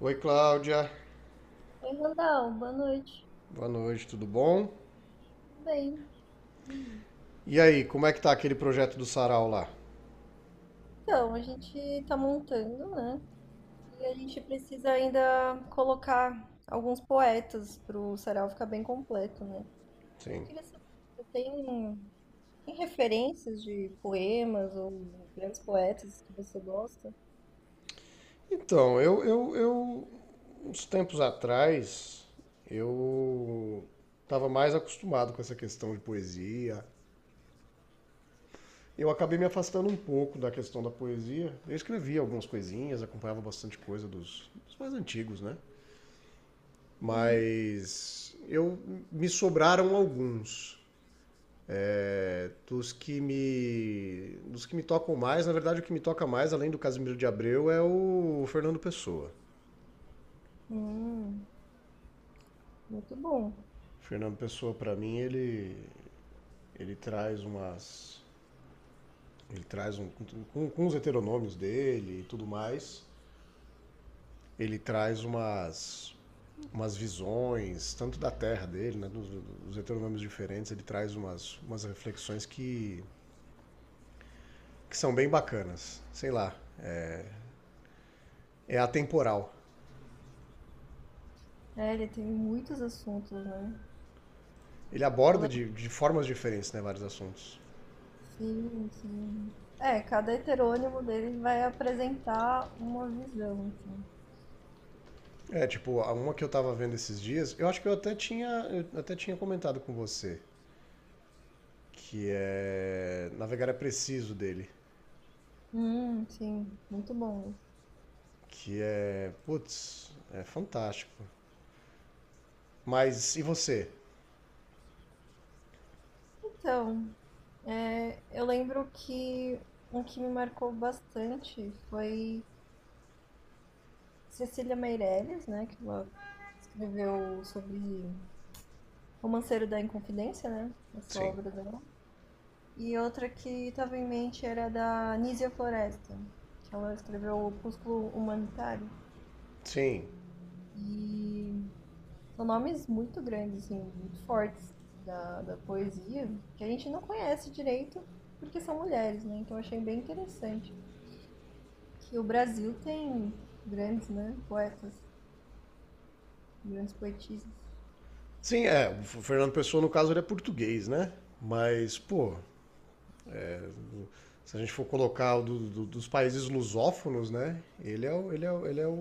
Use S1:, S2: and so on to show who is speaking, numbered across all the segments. S1: Oi, Cláudia.
S2: Oi, Randall, boa noite.
S1: Boa noite, tudo bom?
S2: Tudo bem? E aí?
S1: E aí, como é que tá aquele projeto do Sarau lá?
S2: Então, a gente está montando, né? E a gente precisa ainda colocar alguns poetas para o sarau ficar bem completo, né? Eu
S1: Sim.
S2: queria saber, se você tem referências de poemas ou grandes poetas que você gosta?
S1: Então, eu uns tempos atrás, eu estava mais acostumado com essa questão de poesia. Eu acabei me afastando um pouco da questão da poesia. Eu escrevia algumas coisinhas, acompanhava bastante coisa dos mais antigos, né?
S2: Uhum.
S1: Mas eu me sobraram alguns. Dos que me tocam mais, na verdade o que me toca mais, além do Casimiro de Abreu, é o Fernando Pessoa.
S2: Hum, muito bom.
S1: O Fernando Pessoa, para mim, ele traz umas. Ele traz um. Com os heteronômios dele e tudo mais, ele traz umas. Umas visões, tanto da terra dele, né? Dos heteronômios diferentes, ele traz umas, umas reflexões que são bem bacanas. Sei lá. É atemporal.
S2: É, ele tem muitos assuntos, né?
S1: Ele
S2: Eu
S1: aborda
S2: lembro,
S1: de formas diferentes, né, vários assuntos.
S2: sim, sim. É, cada heterônimo dele vai apresentar uma visão, assim.
S1: É, tipo, a uma que eu tava vendo esses dias, eu acho que eu até tinha comentado com você, que é Navegar é Preciso dele,
S2: Sim, muito bom isso.
S1: que é, putz, é fantástico. Mas e você?
S2: Então, é, eu lembro que um que me marcou bastante foi Cecília Meirelles, né? Que ela escreveu sobre Romanceiro da Inconfidência, né? Essa
S1: Sim.
S2: obra dela. E outra que estava em mente era da Nízia Floresta, que ela escreveu Opúsculo Humanitário.
S1: Sim.
S2: E são nomes muito grandes, assim, muito fortes da poesia, que a gente não conhece direito porque são mulheres, né? Então eu achei bem interessante que o Brasil tem grandes, né, poetas, grandes poetisas.
S1: Sim, é, o Fernando Pessoa no caso ele é português, né? Mas, pô, se a gente for colocar o dos países lusófonos, né? Ele é o, ele é o, ele é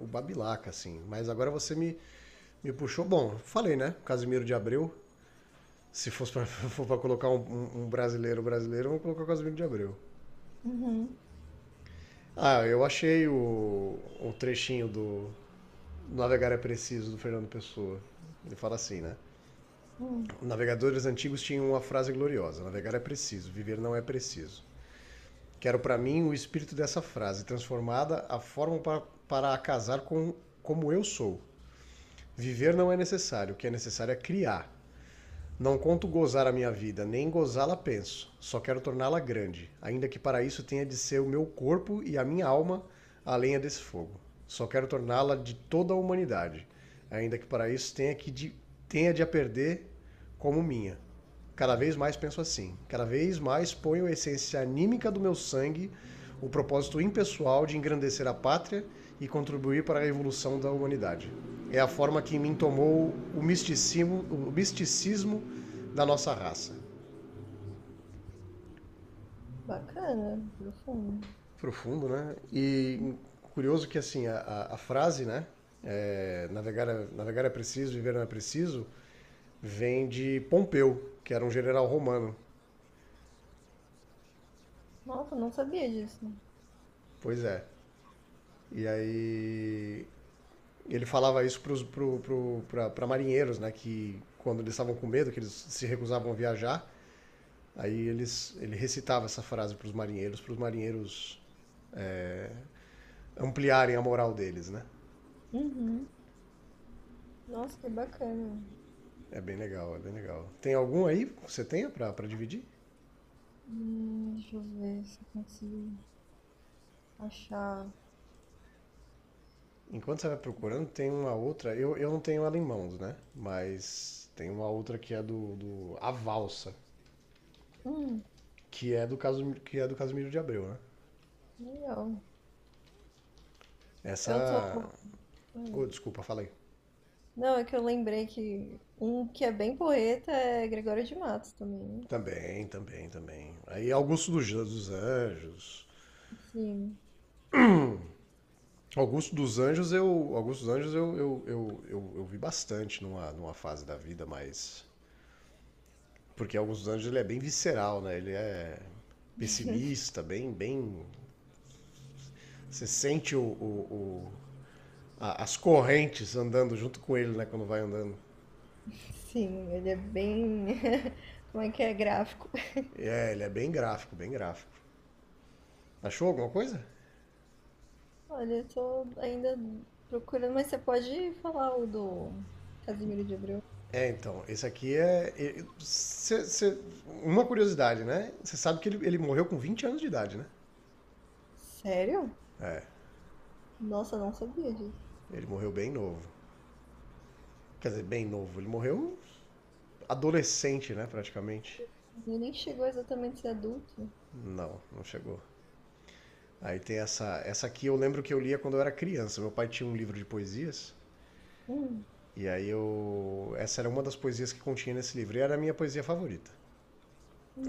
S1: o Babilaca, assim. Mas agora me puxou. Bom, falei, né? Casimiro de Abreu. Se fosse pra, For pra colocar um brasileiro brasileiro, eu vou colocar o Casimiro de Abreu.
S2: Uhum.
S1: Ah, eu achei o trechinho do Navegar é Preciso, do Fernando Pessoa. Ele fala assim, né?
S2: Hum,
S1: Navegadores antigos tinham uma frase gloriosa: navegar é preciso, viver não é preciso. Quero para mim o espírito dessa frase, transformada a forma para a casar com como eu sou. Viver não é necessário, o que é necessário é criar. Não conto gozar a minha vida, nem gozá-la penso. Só quero torná-la grande, ainda que para isso tenha de ser o meu corpo e a minha alma a lenha desse fogo. Só quero torná-la de toda a humanidade, ainda que para isso tenha de a perder como minha. Cada vez mais penso assim. Cada vez mais ponho a essência anímica do meu sangue, o propósito impessoal de engrandecer a pátria e contribuir para a evolução da humanidade é a forma que em mim tomou o misticismo da nossa raça.
S2: bacana, profundo.
S1: Profundo, né? E curioso que assim a frase, né? Navegar é preciso, viver não é preciso, vem de Pompeu, que era um general romano.
S2: Nossa, não sabia disso.
S1: Pois é. E aí ele falava isso para pro, marinheiros, né? Que quando eles estavam com medo, que eles se recusavam a viajar, ele recitava essa frase para os marinheiros é, ampliarem a moral deles, né?
S2: Uhum. Nossa, que bacana.
S1: É bem legal, é bem legal. Tem algum aí que você tenha pra dividir?
S2: Deixa eu ver se eu consigo achar.
S1: Enquanto você vai procurando, tem uma outra. Eu não tenho ela em mãos, né? Mas tem uma outra que é do A Valsa,
S2: Hum,
S1: que é do Casimiro de Abreu, né?
S2: legal. Eu tô.
S1: Essa. Oh,
S2: Hum.
S1: desculpa, falei.
S2: Não, é que eu lembrei que um que é bem porreta é Gregório de Matos também, né?
S1: Também, também, também. Aí Augusto dos Anjos.
S2: Sim,
S1: Augusto dos Anjos eu vi bastante numa, numa fase da vida mais. Porque Alguns Anjos ele é bem visceral, né? Ele é pessimista, bem, bem. Você sente as correntes andando junto com ele, né? Quando vai andando.
S2: sim, ele é bem. Como é que é? Gráfico.
S1: É, ele é bem gráfico, bem gráfico. Achou alguma coisa?
S2: Olha, eu tô ainda procurando, mas você pode falar o do Casimiro de Abreu?
S1: É, então, esse aqui é. E- cê- cê- uma curiosidade, né? Você sabe que ele morreu com 20 anos de idade, né?
S2: Sério? Nossa, não sabia disso.
S1: Ele morreu bem novo. Quer dizer, bem novo. Ele morreu adolescente, né? Praticamente.
S2: Ele nem chegou exatamente a ser adulto.
S1: Não, não chegou. Aí tem essa. Essa aqui eu lembro que eu lia quando eu era criança. Meu pai tinha um livro de poesias.
S2: Hum,
S1: E aí eu. Essa era uma das poesias que continha nesse livro. E era a minha poesia favorita.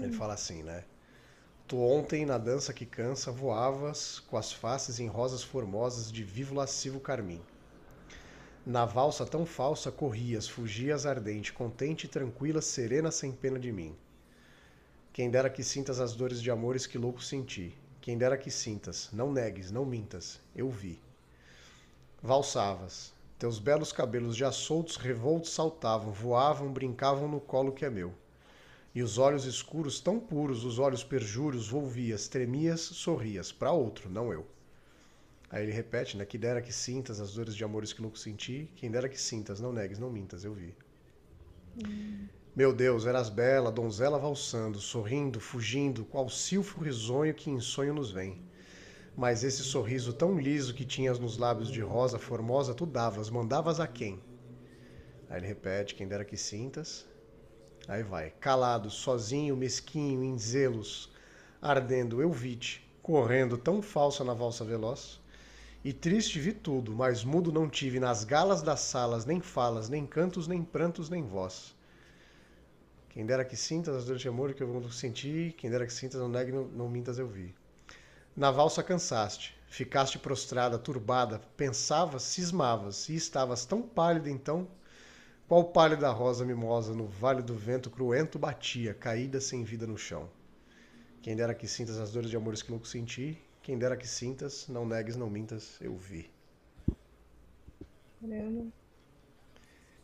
S1: Ele fala assim, né? Tu ontem, na dança que cansa, voavas com as faces em rosas formosas de vivo lascivo carmim. Na valsa tão falsa corrias, fugias ardente, contente, tranquila, serena, sem pena de mim. Quem dera que sintas as dores de amores que louco senti. Quem dera que sintas, não negues, não mintas, eu vi. Valsavas teus belos cabelos já soltos revoltos saltavam voavam brincavam no colo que é meu e os olhos escuros tão puros os olhos perjuros volvias tremias sorrias pra outro não eu. Aí ele repete, né, que dera que sintas as dores de amores que louco senti, quem dera que sintas, não negues, não mintas, eu vi.
S2: hum.
S1: Meu Deus, eras bela, donzela valsando, sorrindo, fugindo, qual silfo risonho que em sonho nos vem. Mas esse sorriso tão liso que tinhas nos lábios de rosa formosa, tu davas, mandavas a quem? Aí ele repete, quem dera que sintas. Aí vai. Calado, sozinho, mesquinho, em zelos, ardendo, eu vi-te, correndo tão falsa na valsa veloz. E triste vi tudo, mas mudo não tive nas galas das salas, nem falas, nem cantos, nem prantos, nem voz. Quem dera que sintas as dores de amor que eu senti, quem dera que sintas, não negue, não, não mintas, eu vi. Na valsa cansaste, ficaste prostrada, turbada, pensavas, cismavas, e estavas tão pálida então. Qual pálida rosa mimosa no vale do vento cruento batia, caída sem vida no chão? Quem dera que sintas as dores de amores que louco senti, quem dera que sintas, não negues, não mintas, eu vi.
S2: Caramba.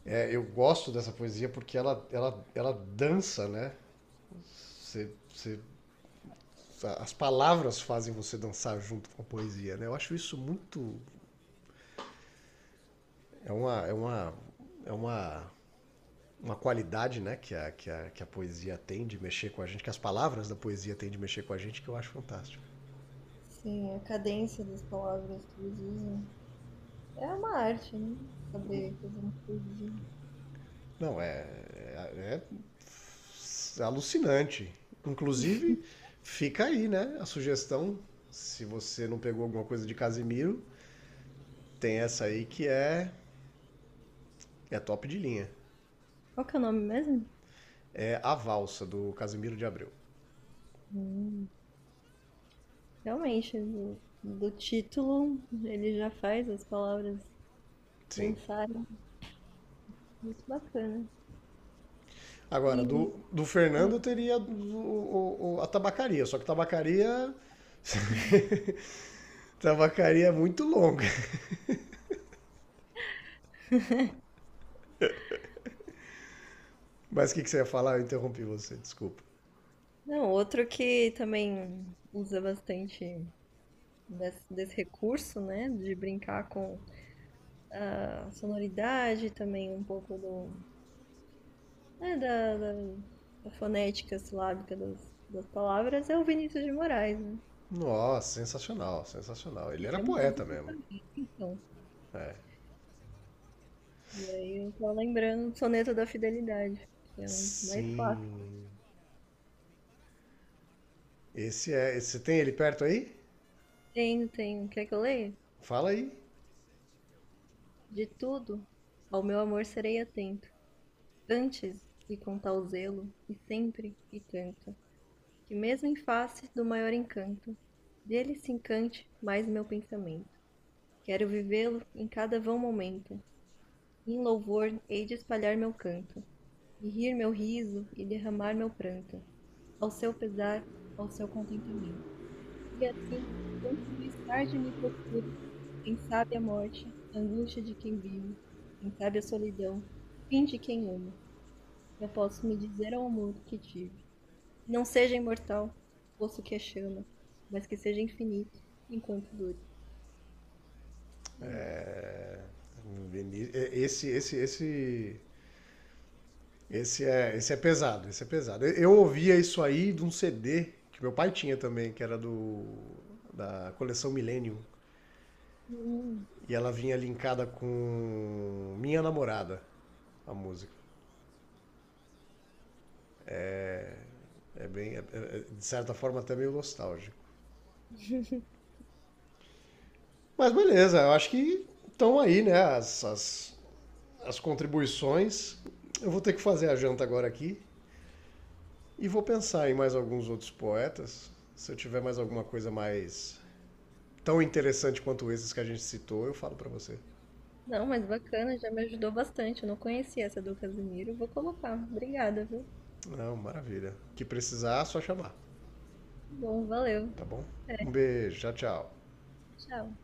S1: É, eu gosto dessa poesia porque ela dança, né? Você, você, as palavras fazem você dançar junto com a poesia, né? Eu acho isso muito. É uma, é uma, é uma, uma qualidade, né? Que a poesia tem de mexer com a gente, que as palavras da poesia tem de mexer com a gente, que eu acho fantástico.
S2: Sim, a cadência das palavras que eles usam. É uma arte, né? Saber fazer um poesia.
S1: Não, é, é alucinante. Inclusive, fica aí, né? A sugestão, se você não pegou alguma coisa de Casimiro, tem essa aí que é top de linha.
S2: Qual que é o nome mesmo?
S1: É a valsa do Casimiro de Abreu.
S2: Hum, realmente, do título ele já faz as palavras
S1: Sim.
S2: dançarem, muito bacana.
S1: Agora,
S2: E
S1: do Fernando
S2: ah,
S1: eu teria a tabacaria, só que tabacaria. Tabacaria é muito longa. Mas que você ia falar? Eu interrompi você, desculpa.
S2: não, outro que também usa bastante desse recurso, né, de brincar com a sonoridade, também um pouco do, é, da fonética silábica das palavras, é o Vinícius de Moraes, né?
S1: Nossa, sensacional, sensacional. Ele era
S2: É
S1: poeta
S2: música
S1: mesmo.
S2: também, então.
S1: É.
S2: E aí eu tô lembrando do Soneto da Fidelidade, que é um dos mais clássicos.
S1: Sim. Esse é. Você tem ele perto aí?
S2: Tenho, tenho. Quer que eu leia?
S1: Fala aí.
S2: De tudo, ao meu amor serei atento, antes e com tal zelo, e sempre e tanto, que mesmo em face do maior encanto, dele se encante mais meu pensamento. Quero vivê-lo em cada vão momento, e em louvor hei de espalhar meu canto, e rir meu riso e derramar meu pranto, ao seu pesar, ao seu contentamento. E assim, quanto mais tarde me procure, quem sabe a morte, a angústia de quem vive, quem sabe a solidão, fim de quem ama. Eu posso me dizer ao amor que tive. Não seja imortal, poço que a chama, mas que seja infinito enquanto dure. É isso.
S1: Veni- é, Esse, esse, esse, esse é pesado. Esse é pesado. Eu ouvia isso aí de um CD que meu pai tinha também, que era do da coleção Millennium.
S2: Hum.
S1: E ela vinha linkada com Minha Namorada, a música. É bem, de certa forma até meio nostálgico. Mas beleza, eu acho que estão aí, né? As contribuições. Eu vou ter que fazer a janta agora aqui. E vou pensar em mais alguns outros poetas. Se eu tiver mais alguma coisa mais tão interessante quanto esses que a gente citou, eu falo para você.
S2: Não, mas bacana, já me ajudou bastante. Eu não conhecia essa do Casimiro. Vou colocar. Obrigada, viu? Tá.
S1: Não, maravilha. O que precisar, é só chamar,
S2: Bom, valeu.
S1: tá bom? Um beijo, tchau, tchau.
S2: Tchau.